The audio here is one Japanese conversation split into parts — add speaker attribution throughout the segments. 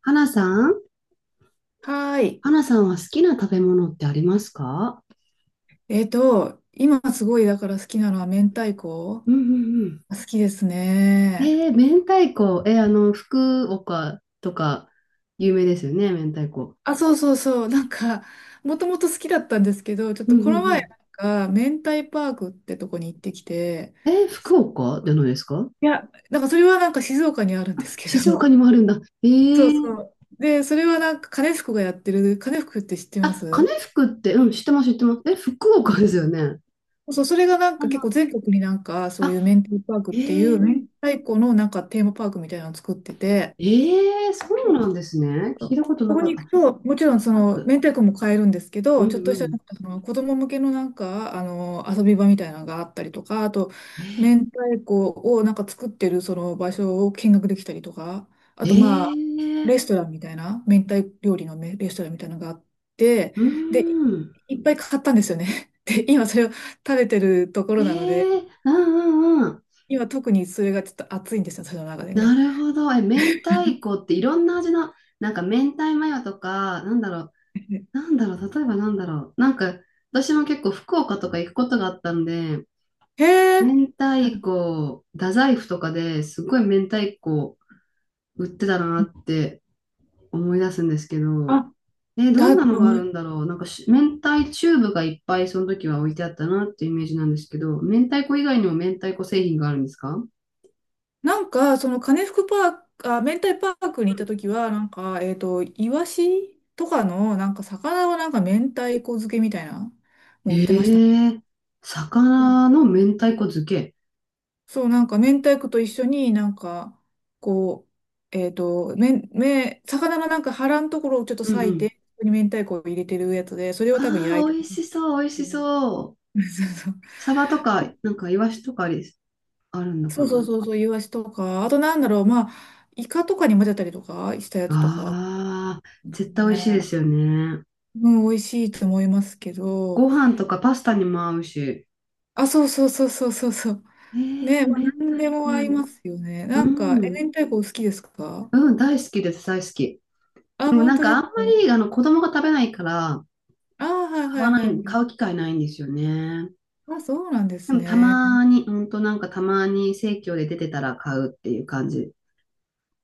Speaker 1: 花さん。
Speaker 2: はーい。
Speaker 1: 花さんは好きな食べ物ってありますか？
Speaker 2: 今すごいだから好きなのは明太子、
Speaker 1: うんうん
Speaker 2: 好きです
Speaker 1: うん。
Speaker 2: ね。
Speaker 1: えー、明太子。福岡とか有名ですよね、明太子。
Speaker 2: あ、そうそうそう。もともと好きだったんですけど、ちょっ
Speaker 1: うん
Speaker 2: とこの
Speaker 1: う
Speaker 2: 前、
Speaker 1: ん
Speaker 2: 明太パークってとこに行ってきて、
Speaker 1: うん。えー、福
Speaker 2: そ
Speaker 1: 岡じゃないですか？
Speaker 2: いや、それは静岡にあるんですけ
Speaker 1: 静岡
Speaker 2: ど、
Speaker 1: にもあるんだ。え
Speaker 2: そうそ
Speaker 1: ー、
Speaker 2: う。で、それは金福がやってる、金福って知ってま
Speaker 1: あ、金
Speaker 2: す？
Speaker 1: 福って、うん、知ってます、知ってます。え、福
Speaker 2: うん。
Speaker 1: 岡ですよね。う
Speaker 2: そう、それが
Speaker 1: んうん。
Speaker 2: 結構全国にそう
Speaker 1: あ、
Speaker 2: いう明太パークっ
Speaker 1: え
Speaker 2: ていう、
Speaker 1: ー、
Speaker 2: 明太子のテーマパークみたいなのを作ってて、
Speaker 1: えー、そうなんですね。聞いたこと
Speaker 2: そ
Speaker 1: な
Speaker 2: こ
Speaker 1: か
Speaker 2: に
Speaker 1: っ
Speaker 2: 行
Speaker 1: た。
Speaker 2: くと、も
Speaker 1: 明
Speaker 2: ちろんそ
Speaker 1: 太
Speaker 2: の
Speaker 1: 子。
Speaker 2: 明太子も買えるんですけ
Speaker 1: うん
Speaker 2: ど、ちょっと
Speaker 1: う
Speaker 2: した
Speaker 1: ん。
Speaker 2: その子供向けのあの遊び場みたいなのがあったりとか、あと明太子を作ってるその場所を見学できたりとか、あ
Speaker 1: え
Speaker 2: とまあ
Speaker 1: ー、
Speaker 2: レストランみたいな、明太料理のレストランみたいなのがあって、
Speaker 1: う
Speaker 2: で、
Speaker 1: ん。
Speaker 2: いっぱい買ったんですよね。で、今それを食べてるとこ
Speaker 1: え
Speaker 2: ろなので、
Speaker 1: え、うんうんうん。
Speaker 2: 今特にそれがちょっと熱いんですよ、私の中で
Speaker 1: な
Speaker 2: ね。
Speaker 1: るほど。え、明太子っていろんな味の、なんか明太マヨとか、なんだろう、な んだろう、例えばなんだろう。なんか、私も結構福岡とか行くことがあったんで、
Speaker 2: へえ。
Speaker 1: 明太子、太宰府とかですごい明太子売ってたなって思い出すんですけど、
Speaker 2: あ、
Speaker 1: え、ど
Speaker 2: だ
Speaker 1: ん
Speaker 2: っ
Speaker 1: な
Speaker 2: て
Speaker 1: のがあ
Speaker 2: 思
Speaker 1: るんだろう。なんかし、明太チューブがいっぱいその時は置いてあったなっていうイメージなんですけど、明太子以外にも明太子製品があるんですか？
Speaker 2: その金福パーク、あ、明太パークに行った時は、イワシとかの、魚は明太子漬けみたいな、もう売
Speaker 1: え
Speaker 2: ってましたね。
Speaker 1: え、
Speaker 2: うん。
Speaker 1: 魚の明太子漬け。
Speaker 2: そう、明太子と一緒になんか、こう、えっと、めん、め、魚の腹のところをちょっと
Speaker 1: うん
Speaker 2: 裂
Speaker 1: う
Speaker 2: い
Speaker 1: ん。
Speaker 2: て、そこに明太子を入れてるやつで、それ
Speaker 1: あ
Speaker 2: を多分焼い
Speaker 1: あ、
Speaker 2: て。
Speaker 1: 美味しそう、美味
Speaker 2: そ
Speaker 1: し
Speaker 2: うん
Speaker 1: そう。サバとか、なんかイワシとかあり、あるのか
Speaker 2: そうそう
Speaker 1: な。
Speaker 2: そうそう、イワシとか、あとなんだろう、まあ、イカとかに混ぜたりとかしたやつとか、
Speaker 1: ああ、絶対美味しい
Speaker 2: ね。
Speaker 1: ですよね。
Speaker 2: うん、美味しいと思いますけど、
Speaker 1: ご飯とかパスタにも合うし。
Speaker 2: あ、そうそうそうそうそうそう。
Speaker 1: ええ、
Speaker 2: ね、まあ、
Speaker 1: 明
Speaker 2: 何
Speaker 1: 太
Speaker 2: でも合いま
Speaker 1: 子。
Speaker 2: すよね。
Speaker 1: う
Speaker 2: なんか、え、
Speaker 1: ん。
Speaker 2: 明太子お好きですか？
Speaker 1: うん、大好きです、大好き。
Speaker 2: あ、
Speaker 1: でも
Speaker 2: 本
Speaker 1: なん
Speaker 2: 当
Speaker 1: か
Speaker 2: で
Speaker 1: あ
Speaker 2: す
Speaker 1: ん
Speaker 2: か？
Speaker 1: まり、あの、子供が食べないから、
Speaker 2: あ、はい
Speaker 1: 買
Speaker 2: は
Speaker 1: わ
Speaker 2: い
Speaker 1: な
Speaker 2: は
Speaker 1: い、
Speaker 2: い。
Speaker 1: 買う機会ないんですよね。
Speaker 2: あ、そうなんで
Speaker 1: で
Speaker 2: す
Speaker 1: もた
Speaker 2: ね。
Speaker 1: まに、うんとなんかたまに生協で出てたら買うっていう感じ。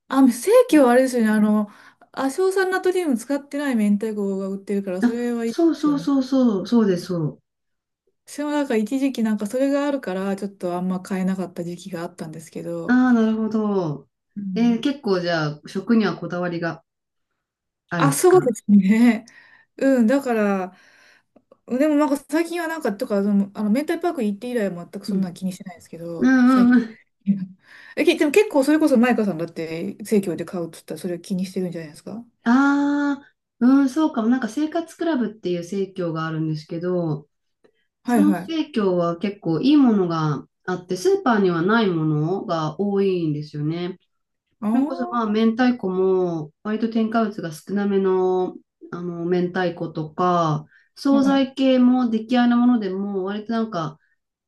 Speaker 2: あ、正規はあれですよね。あの、亜硝酸ナトリウム使ってない明太子が売ってるから、そ
Speaker 1: あ、
Speaker 2: れはいいで
Speaker 1: そう
Speaker 2: す
Speaker 1: そ
Speaker 2: よ
Speaker 1: う
Speaker 2: ね。
Speaker 1: そうそう、そうです、そう。
Speaker 2: 私も一時期それがあるから、ちょっとあんま買えなかった時期があったんですけ
Speaker 1: あ
Speaker 2: ど。
Speaker 1: あ、なるほど。
Speaker 2: う
Speaker 1: え
Speaker 2: ん。
Speaker 1: ー、結構じゃあ食にはこだわりがあるん
Speaker 2: あ、
Speaker 1: です
Speaker 2: そうで
Speaker 1: か？
Speaker 2: すね。うん、だから、でも最近はなんか、とか、その、あの、明太パーク行って以来は全く
Speaker 1: う
Speaker 2: そんな
Speaker 1: ん。
Speaker 2: 気にしてないですけ
Speaker 1: う
Speaker 2: ど、
Speaker 1: ん
Speaker 2: 最
Speaker 1: うんう
Speaker 2: 近。
Speaker 1: ん。
Speaker 2: え、でも結構それこそマイカさんだって生協で買うっつったらそれを気にしてるんじゃないですか？
Speaker 1: ああ、うん、そうかも。なんか生活クラブっていう生協があるんですけど、
Speaker 2: は
Speaker 1: そ
Speaker 2: い
Speaker 1: の
Speaker 2: はい。
Speaker 1: 生協は結構いいものがあって、スーパーにはないものが多いんですよね。それこそまあ
Speaker 2: あ
Speaker 1: 明太子も割と添加物が少なめの、あの明太子とか
Speaker 2: あ、
Speaker 1: 惣
Speaker 2: はい。
Speaker 1: 菜系も出来合いのものでも割となんか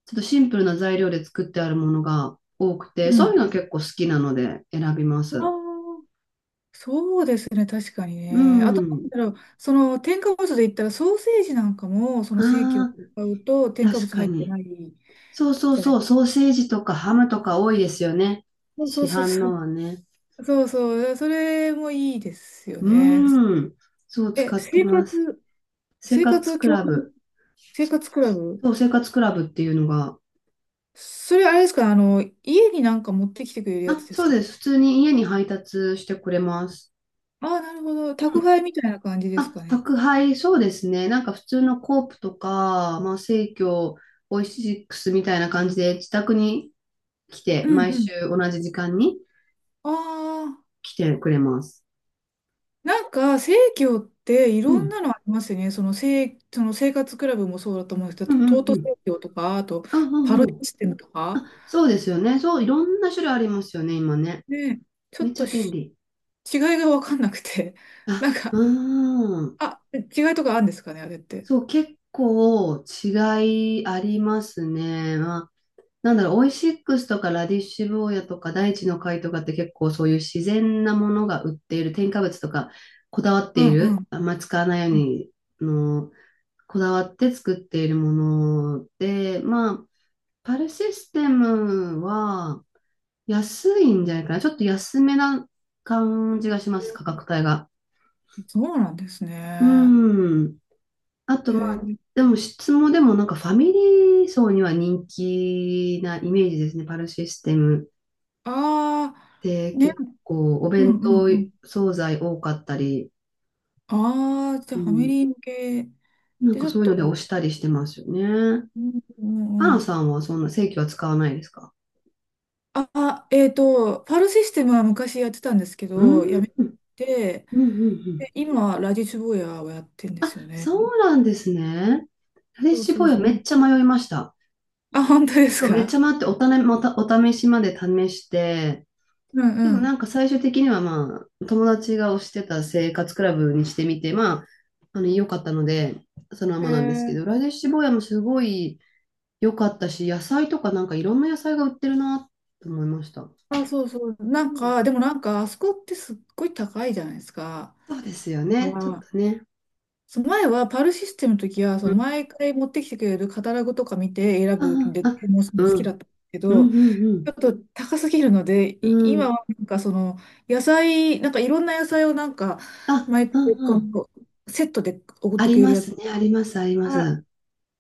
Speaker 1: ちょっとシンプルな材料で作ってあるものが多くて、
Speaker 2: う
Speaker 1: そう
Speaker 2: ん。
Speaker 1: いうの結構好きなので選びま
Speaker 2: あ
Speaker 1: す。
Speaker 2: あ、そうですね、確かに
Speaker 1: う
Speaker 2: ね。あと、なん
Speaker 1: ん。
Speaker 2: だろう、その添加物で言ったらソーセージなんかも、その生協
Speaker 1: ああ、
Speaker 2: で買うと添加
Speaker 1: 確
Speaker 2: 物
Speaker 1: か
Speaker 2: 入って
Speaker 1: に。
Speaker 2: ない
Speaker 1: そうそう
Speaker 2: じゃな
Speaker 1: そ
Speaker 2: い。
Speaker 1: う、ソーセージとかハムとか多いですよね。
Speaker 2: そうそ
Speaker 1: 市
Speaker 2: うそう
Speaker 1: 販
Speaker 2: そ
Speaker 1: の
Speaker 2: う。
Speaker 1: はね。
Speaker 2: そうそう。それもいいですよ
Speaker 1: う
Speaker 2: ね。
Speaker 1: ーん。そう、
Speaker 2: え、
Speaker 1: 使ってます。生
Speaker 2: 生活
Speaker 1: 活ク
Speaker 2: 共
Speaker 1: ラ
Speaker 2: 同、
Speaker 1: ブ。
Speaker 2: 生活クラブ、
Speaker 1: そう、生活クラブっていうのが、
Speaker 2: それあれですか、あの、家に持ってきてくれるや
Speaker 1: あ、
Speaker 2: つで
Speaker 1: そ
Speaker 2: す
Speaker 1: う
Speaker 2: か？
Speaker 1: です。普通に家に配達してくれます。
Speaker 2: ああ、なるほど。宅配みたいな感じです
Speaker 1: あ、
Speaker 2: かね。
Speaker 1: 宅配、そうですね。なんか普通のコープとか、まあ、生協、オイシックスみたいな感じで自宅に来
Speaker 2: う
Speaker 1: て、
Speaker 2: ん
Speaker 1: 毎
Speaker 2: うん。
Speaker 1: 週同じ時間に
Speaker 2: ああ、
Speaker 1: 来てくれます。
Speaker 2: 生協ってい
Speaker 1: う
Speaker 2: ろん
Speaker 1: ん。
Speaker 2: なのありますよね。その、その生活クラブもそうだと思うんです
Speaker 1: う
Speaker 2: け
Speaker 1: ん
Speaker 2: ど、
Speaker 1: う
Speaker 2: ト
Speaker 1: ん
Speaker 2: ー
Speaker 1: う
Speaker 2: ト
Speaker 1: ん。
Speaker 2: 生協とか、あと、
Speaker 1: あ、う
Speaker 2: パ
Speaker 1: ん
Speaker 2: ロ
Speaker 1: うん。
Speaker 2: システムとか。
Speaker 1: そうですよね。そう、いろんな種類ありますよね、今ね。
Speaker 2: ね、ちょ
Speaker 1: めっ
Speaker 2: っ
Speaker 1: ちゃ
Speaker 2: と
Speaker 1: 便
Speaker 2: し
Speaker 1: 利。
Speaker 2: 違いが分かんなくて。
Speaker 1: あ、
Speaker 2: なんか、
Speaker 1: うーん。
Speaker 2: あ、違いとかあるんですかね、あれって。
Speaker 1: そう、結構違いありますね。オイシックスとかラディッシュ坊やとか大地の貝とかって結構そういう自然なものが売っている、添加物とかこだわって
Speaker 2: う
Speaker 1: い
Speaker 2: んう
Speaker 1: る、
Speaker 2: ん。
Speaker 1: あんま使わないよう
Speaker 2: うん。
Speaker 1: にの、こだわって作っているもので、まあ、パルシステムは安いんじゃないかな。ちょっと安めな感じがします、価格帯が。
Speaker 2: そうなんです
Speaker 1: う
Speaker 2: ね。
Speaker 1: ん。あ
Speaker 2: え
Speaker 1: と、まあ、
Speaker 2: ー、
Speaker 1: でも質もでもなんかファミリー層には人気なイメージですね、パルシステム。
Speaker 2: あ
Speaker 1: で、
Speaker 2: あ、ね、
Speaker 1: 結構お
Speaker 2: うん
Speaker 1: 弁
Speaker 2: うん
Speaker 1: 当
Speaker 2: うん。
Speaker 1: 惣菜多かったり、
Speaker 2: ああ、じ
Speaker 1: う
Speaker 2: ゃあファミ
Speaker 1: ん、
Speaker 2: リー向け
Speaker 1: なん
Speaker 2: で、ち
Speaker 1: か
Speaker 2: ょ
Speaker 1: そ
Speaker 2: っ
Speaker 1: ういうの
Speaker 2: と、
Speaker 1: で押したりしてますよね。
Speaker 2: うんう
Speaker 1: パ
Speaker 2: んう
Speaker 1: な
Speaker 2: ん。
Speaker 1: さんはそんな正規は使わないですか？
Speaker 2: ああ、パールシステムは昔やってたんですけ
Speaker 1: うー
Speaker 2: ど、や
Speaker 1: ん、
Speaker 2: め
Speaker 1: うん
Speaker 2: て、
Speaker 1: うんうん。
Speaker 2: で、今、ラディッチュボーヤーをやってんで
Speaker 1: あ、
Speaker 2: すよね。
Speaker 1: そうなんですね。フレッ
Speaker 2: そう
Speaker 1: シュ
Speaker 2: そ
Speaker 1: ボ
Speaker 2: う
Speaker 1: ーイ
Speaker 2: そ
Speaker 1: はめ
Speaker 2: う。
Speaker 1: っちゃ迷いました。
Speaker 2: あ、本当です
Speaker 1: そう、めっ
Speaker 2: か？
Speaker 1: ちゃ迷っておたね、また、お試しまで試して、
Speaker 2: う
Speaker 1: で
Speaker 2: ん
Speaker 1: もな
Speaker 2: う
Speaker 1: んか最終的にはまあ、友達が推してた生活クラブにしてみて、まあ、あの、良かったので、そのま
Speaker 2: ん。え
Speaker 1: まなんですけど、
Speaker 2: ー、
Speaker 1: ラレッシュボーもすごい良かったし、野菜とかなんかいろんな野菜が売ってるなと思いました。
Speaker 2: あ、そうそう。
Speaker 1: う
Speaker 2: なん
Speaker 1: ん。
Speaker 2: か、でもなんか、あそこってすっごい高いじゃないですか。
Speaker 1: そうですよ
Speaker 2: だか
Speaker 1: ね。ちょっ
Speaker 2: ら、
Speaker 1: とね。
Speaker 2: そう、前はパールシステムの時は、そ
Speaker 1: う
Speaker 2: の
Speaker 1: ん。
Speaker 2: 毎回持ってきてくれるカタログとか見て選ぶん
Speaker 1: あ
Speaker 2: で、
Speaker 1: あ、あ、
Speaker 2: 注文するの好
Speaker 1: う
Speaker 2: きだ
Speaker 1: ん。
Speaker 2: ったけ
Speaker 1: う
Speaker 2: ど、
Speaker 1: ん、う
Speaker 2: ちょっ
Speaker 1: ん、
Speaker 2: と高すぎるので、
Speaker 1: うん。う
Speaker 2: 今
Speaker 1: ん。
Speaker 2: はその野菜、なんかいろんな野菜を
Speaker 1: あ、
Speaker 2: 毎
Speaker 1: うん、
Speaker 2: 回
Speaker 1: う
Speaker 2: こ
Speaker 1: ん。
Speaker 2: のセットで送っ
Speaker 1: あ
Speaker 2: てく
Speaker 1: り
Speaker 2: れる
Speaker 1: ま
Speaker 2: や
Speaker 1: す
Speaker 2: つ。
Speaker 1: ね。あります、あります。
Speaker 2: あ、
Speaker 1: う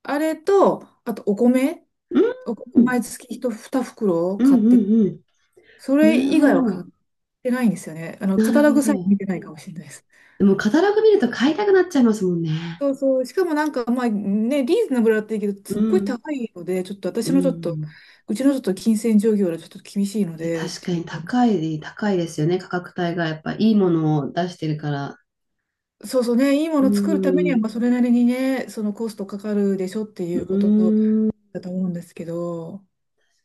Speaker 2: あれと、あとお米、
Speaker 1: ん。
Speaker 2: お米
Speaker 1: うん、
Speaker 2: 毎月一2袋
Speaker 1: うん、
Speaker 2: 買って、
Speaker 1: うん。
Speaker 2: それ
Speaker 1: なる
Speaker 2: 以
Speaker 1: ほ
Speaker 2: 外は買っ
Speaker 1: ど。
Speaker 2: てないんですよね。あの、カ
Speaker 1: な
Speaker 2: タ
Speaker 1: る
Speaker 2: ロ
Speaker 1: ほ
Speaker 2: グさえ見
Speaker 1: ど。
Speaker 2: てないかもしれないです。
Speaker 1: でも、カタログ見ると買いたくなっちゃいますもんね。
Speaker 2: そうそう。しかもまあね、リーズナブルだったらいいけど、
Speaker 1: う
Speaker 2: すっごい
Speaker 1: ん。
Speaker 2: 高いので、ちょっと
Speaker 1: う
Speaker 2: 私のちょっと、
Speaker 1: ん。
Speaker 2: うちのちょっと金銭状況はちょっと厳しいの
Speaker 1: いや、
Speaker 2: で、っ
Speaker 1: 確か
Speaker 2: てい
Speaker 1: に
Speaker 2: う。
Speaker 1: 高い、高いですよね。価格帯がやっぱいいものを出してるから。
Speaker 2: そうそうね、いいも
Speaker 1: う
Speaker 2: の作るためには、まあ
Speaker 1: ん。
Speaker 2: それなりにね、そのコストかかるでしょっていう
Speaker 1: う
Speaker 2: こと
Speaker 1: ん。
Speaker 2: だと思うんですけど、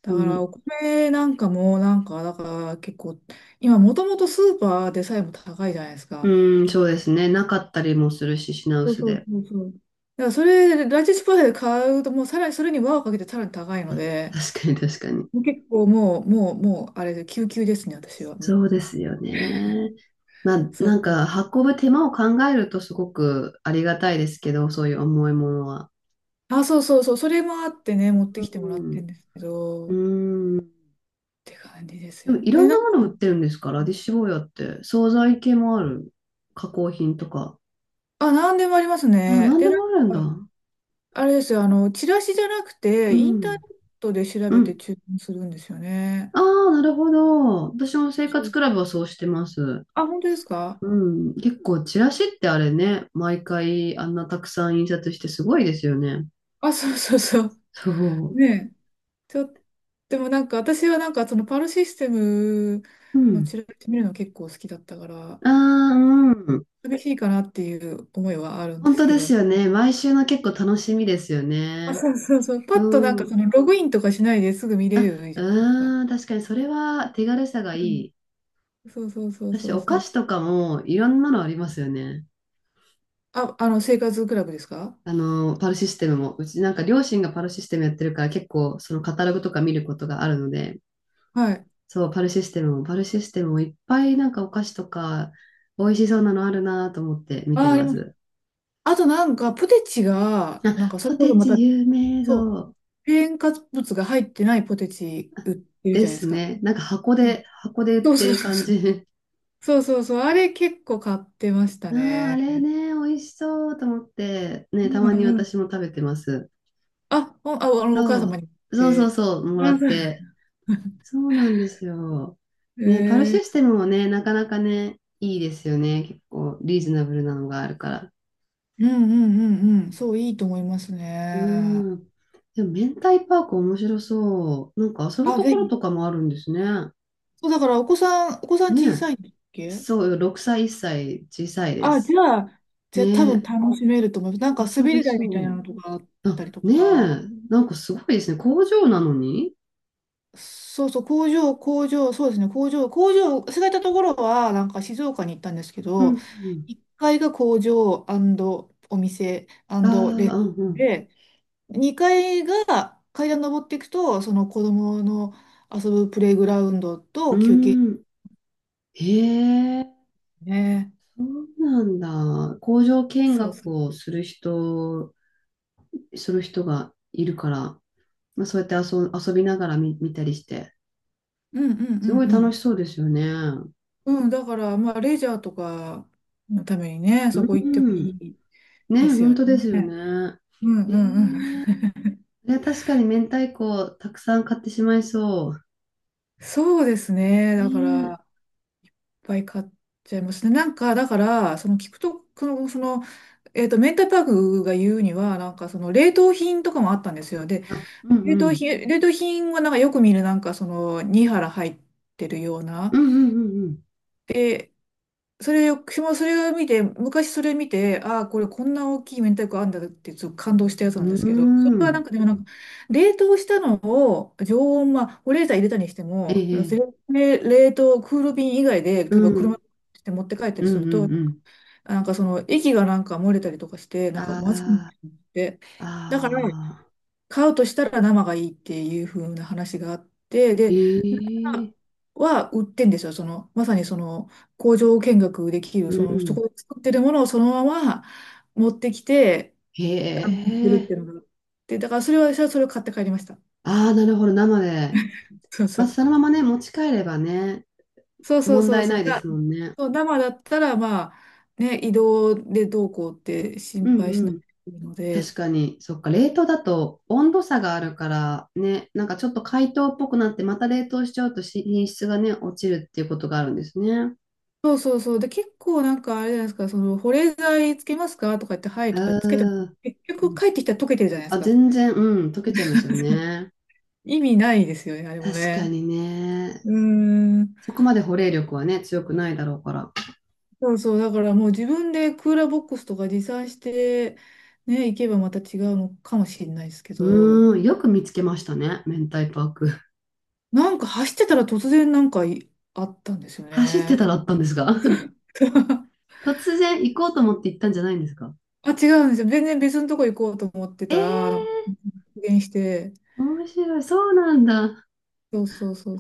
Speaker 2: だ
Speaker 1: 当
Speaker 2: から
Speaker 1: に。
Speaker 2: お米なんかも、だから結構、今もともとスーパーでさえも高いじゃないですか。
Speaker 1: うん、そうですね。なかったりもするし、品
Speaker 2: そう
Speaker 1: 薄
Speaker 2: そう
Speaker 1: で。
Speaker 2: そうそう。だからライチスーパーで買うと、もうさらにそれに輪をかけてさらに高いので、
Speaker 1: 確かに確かに。
Speaker 2: もう結構もう、もう、もう、あれで、救急ですね、私はも
Speaker 1: そう
Speaker 2: う。
Speaker 1: ですよね。まあ、
Speaker 2: そ
Speaker 1: なんか、
Speaker 2: う。
Speaker 1: 運ぶ手間を考えるとすごくありがたいですけど、そういう重いものは。
Speaker 2: あ、そうそうそう、それもあってね、持って
Speaker 1: う
Speaker 2: きてもらってる
Speaker 1: ん。
Speaker 2: んですけど、
Speaker 1: う
Speaker 2: っ
Speaker 1: ん。
Speaker 2: て感じです
Speaker 1: で
Speaker 2: よ
Speaker 1: も、いろ
Speaker 2: ね。え、
Speaker 1: ん
Speaker 2: な
Speaker 1: な
Speaker 2: ん
Speaker 1: もの
Speaker 2: か、
Speaker 1: 売ってるんですから、ラディッシュ坊やって。惣菜系もある。加工品とか。
Speaker 2: あ、なんでもあります
Speaker 1: あ、
Speaker 2: ね。
Speaker 1: なんで
Speaker 2: で、な
Speaker 1: も
Speaker 2: ん
Speaker 1: あるんだ。
Speaker 2: か、あれですよ、あの、チラシじゃなく
Speaker 1: う
Speaker 2: て、インターネッ
Speaker 1: ん。
Speaker 2: トで調
Speaker 1: う
Speaker 2: べて
Speaker 1: ん。
Speaker 2: 注文するんですよね。
Speaker 1: ああ、なるほど。私も生
Speaker 2: そ
Speaker 1: 活
Speaker 2: う。
Speaker 1: クラブはそうしてます。
Speaker 2: あ、本当ですか？
Speaker 1: うん、結構、チラシってあれね、毎回あんなたくさん印刷してすごいですよね。
Speaker 2: あ、そうそうそう。
Speaker 1: そ
Speaker 2: ねえ。ちょっでもなんか、私はそのパルシステム
Speaker 1: う。う
Speaker 2: のチ
Speaker 1: ん。
Speaker 2: ラシ見るの結構好きだったから、
Speaker 1: ああ、うん。
Speaker 2: 厳しいかなっていう思いはあるんで
Speaker 1: 本
Speaker 2: す
Speaker 1: 当
Speaker 2: け
Speaker 1: で
Speaker 2: ど。
Speaker 1: すよね。毎週の結構楽しみですよ
Speaker 2: あ、
Speaker 1: ね。
Speaker 2: そうそうそう。パッと
Speaker 1: う
Speaker 2: そ
Speaker 1: ん。
Speaker 2: のログインとかしないですぐ見れ
Speaker 1: あ、
Speaker 2: るじゃないですか。
Speaker 1: うん。確かにそれは手軽さがい
Speaker 2: うん。
Speaker 1: い。
Speaker 2: そうそうそう
Speaker 1: 私、
Speaker 2: そう
Speaker 1: お
Speaker 2: そ
Speaker 1: 菓
Speaker 2: う。
Speaker 1: 子とかもいろんなのありますよね。
Speaker 2: あ、あの、生活クラブですか？
Speaker 1: あの、パルシステムも。うちなんか両親がパルシステムやってるから結構そのカタログとか見ることがあるので、
Speaker 2: はい。
Speaker 1: そう、パルシステムも、パルシステムもいっぱいなんかお菓子とか、美味しそうなのあるなと思って見て
Speaker 2: あ、あり
Speaker 1: ま
Speaker 2: ます。
Speaker 1: す。
Speaker 2: あとポテチが、
Speaker 1: あ、
Speaker 2: そ
Speaker 1: ポ
Speaker 2: れこそ
Speaker 1: テ
Speaker 2: また、
Speaker 1: チ有名
Speaker 2: そう、
Speaker 1: そう
Speaker 2: 添加物が入ってないポテチ売ってるじ
Speaker 1: で
Speaker 2: ゃないで
Speaker 1: す
Speaker 2: すか。
Speaker 1: ね。なんか箱
Speaker 2: うん。
Speaker 1: で、箱で売っ
Speaker 2: そう
Speaker 1: て
Speaker 2: そう
Speaker 1: る
Speaker 2: そう
Speaker 1: 感
Speaker 2: そう。
Speaker 1: じ。
Speaker 2: そうそうそう。あれ結構買ってました
Speaker 1: ああ、あ
Speaker 2: ね。
Speaker 1: れね、美味しそうと思って、
Speaker 2: う
Speaker 1: ね、たまに
Speaker 2: んうん。
Speaker 1: 私も食べてます。
Speaker 2: あ、ほんあ、あの、お母
Speaker 1: そ
Speaker 2: 様に言っ
Speaker 1: う、そうそう
Speaker 2: て。
Speaker 1: そう、もら
Speaker 2: あ、
Speaker 1: っ
Speaker 2: そう。
Speaker 1: て。そうなんですよ。ね、パル
Speaker 2: え
Speaker 1: シス
Speaker 2: ー、
Speaker 1: テムもね、なかなかね、いいですよね。結構リーズナブルなのがあるから。
Speaker 2: うんうんうんうん。そう、いいと思います
Speaker 1: う
Speaker 2: ね。
Speaker 1: ん。でも、明太パーク面白そう。なんか遊ぶ
Speaker 2: あ、
Speaker 1: と
Speaker 2: ぜ
Speaker 1: ころ
Speaker 2: ひ。
Speaker 1: とかもあるんですね。
Speaker 2: そう、だからお子さん、お子さん
Speaker 1: ね
Speaker 2: 小さいんだっ
Speaker 1: え。
Speaker 2: け？
Speaker 1: そうよ、6歳、1歳、小さいで
Speaker 2: あ、じ
Speaker 1: す。
Speaker 2: ゃあ、じゃ
Speaker 1: ね
Speaker 2: あ多分
Speaker 1: え、
Speaker 2: 楽しめると思います。なんか
Speaker 1: 遊
Speaker 2: 滑
Speaker 1: べ
Speaker 2: り台みたいな
Speaker 1: そ
Speaker 2: のとかあっ
Speaker 1: う。あ、
Speaker 2: たりと
Speaker 1: ねえ、
Speaker 2: か。
Speaker 1: なんかすごいですね。工場なのに。
Speaker 2: そうそう、工場、工場、そうですね、工場、工場、忘れたところは、なんか静岡に行ったんですけ
Speaker 1: う
Speaker 2: ど、
Speaker 1: ん
Speaker 2: 1階が工場お店
Speaker 1: うん。
Speaker 2: レ
Speaker 1: ああ、
Speaker 2: ス
Speaker 1: う
Speaker 2: トラン
Speaker 1: ん
Speaker 2: で、2階が階段登っていくと、その子供の遊ぶプレイグラウンド
Speaker 1: う
Speaker 2: と休憩
Speaker 1: ん。うーん。へえ、
Speaker 2: ね。
Speaker 1: そうなんだ。工場見
Speaker 2: そうそ
Speaker 1: 学
Speaker 2: う。
Speaker 1: をする人、する人がいるから、まあ、そうやって遊、遊びながら見、見たりして、
Speaker 2: うんうん
Speaker 1: すごい
Speaker 2: う
Speaker 1: 楽し
Speaker 2: ん
Speaker 1: そうですよね。
Speaker 2: うん。うん、だから、まあ、レジャーとかのためにね、そこ
Speaker 1: う
Speaker 2: 行っても
Speaker 1: ん。
Speaker 2: いいで
Speaker 1: ね、
Speaker 2: す
Speaker 1: 本
Speaker 2: よ
Speaker 1: 当ですよ
Speaker 2: ね。
Speaker 1: ね。
Speaker 2: うん
Speaker 1: えー、
Speaker 2: うんうん。
Speaker 1: いや確かに明太子たくさん買ってしまいそ
Speaker 2: そうですね。
Speaker 1: う。
Speaker 2: だか
Speaker 1: ね
Speaker 2: ら、いっぱい買っちゃいますね。なんか、だから、その聞くと、その、その、えっと、メンタパークが言うには、冷凍品とかもあったんですよ。で、
Speaker 1: え。あ、うんうん。
Speaker 2: 冷凍品はよく見る、2腹入ってるよう
Speaker 1: う
Speaker 2: な。
Speaker 1: んうんうん
Speaker 2: で、それ、私もそれを見て、昔それ見て、ああ、これこんな大きい明太子あんだってちょっと感動したやつな
Speaker 1: う
Speaker 2: ん
Speaker 1: ん。
Speaker 2: で
Speaker 1: う
Speaker 2: すけど、それ
Speaker 1: ー
Speaker 2: はなん
Speaker 1: ん。
Speaker 2: かでもなんか、冷凍したのを常温、まあ、保冷剤入れたにして
Speaker 1: え
Speaker 2: も、
Speaker 1: え。
Speaker 2: 冷凍、クール便以外で、
Speaker 1: う
Speaker 2: 例えば車
Speaker 1: ん。
Speaker 2: で持って帰ったり
Speaker 1: うんう
Speaker 2: すると、
Speaker 1: んうん。
Speaker 2: その液が漏れたりとかして、なんかまずくなっち
Speaker 1: あ
Speaker 2: ゃって、
Speaker 1: あ、
Speaker 2: だから、
Speaker 1: ああ。
Speaker 2: 買うとしたら生がいいっていう風な話があって、で、
Speaker 1: ええ。
Speaker 2: は売ってんですよ。その、まさにその工場見学できる、
Speaker 1: うん
Speaker 2: そ
Speaker 1: う
Speaker 2: の、そ
Speaker 1: ん。
Speaker 2: こで作ってるものをそのまま持ってきて、
Speaker 1: へ
Speaker 2: あの、売ってるっ
Speaker 1: え。
Speaker 2: ていうのが。で、だからそれは私はそれを買って帰りました。
Speaker 1: ああ、なるほど。生で。
Speaker 2: そうそ
Speaker 1: まあ、
Speaker 2: う。
Speaker 1: そのままね、持ち帰ればね、
Speaker 2: そうそう
Speaker 1: 問
Speaker 2: そう
Speaker 1: 題
Speaker 2: そ
Speaker 1: な
Speaker 2: う。
Speaker 1: いですもんね。
Speaker 2: そう、生だったら、まあ、ね、移動でどうこうって
Speaker 1: う
Speaker 2: 心
Speaker 1: ん
Speaker 2: 配
Speaker 1: う
Speaker 2: しなく
Speaker 1: ん。
Speaker 2: ていいの
Speaker 1: 確
Speaker 2: で、
Speaker 1: かに、そっか、冷凍だと温度差があるからね、なんかちょっと解凍っぽくなってまた冷凍しちゃうとし品質がね、落ちるっていうことがあるんですね。
Speaker 2: そうそうそう。で、結構なんかあれじゃないですか、その、保冷剤つけますかとか言って、はい
Speaker 1: あ
Speaker 2: とかつけても、
Speaker 1: ー、
Speaker 2: 結局帰ってきたら溶けてるじゃないです
Speaker 1: あ、
Speaker 2: か。
Speaker 1: 全然、うん、溶けちゃいますよね。
Speaker 2: 意味ないですよね、あれも
Speaker 1: 確か
Speaker 2: ね。
Speaker 1: にね。
Speaker 2: うーん。
Speaker 1: そこまで保冷力はね、強くないだろうから。
Speaker 2: そうそう、だからもう自分でクーラーボックスとか持参して、ね、行けばまた違うのかもしれないですけど、
Speaker 1: うーん、よく見つけましたね、明太パーク。
Speaker 2: なんか走ってたら突然なんかいあったんですよ
Speaker 1: 走って
Speaker 2: ね。
Speaker 1: たらあったんですが。 突然行こうと思って行ったんじゃないんですか？
Speaker 2: あ、違うんですよ。全然別のとこ行こうと思って
Speaker 1: え
Speaker 2: たら、なんか
Speaker 1: ー、
Speaker 2: 発言して、
Speaker 1: 面白い。そうなんだ。
Speaker 2: そうそうそう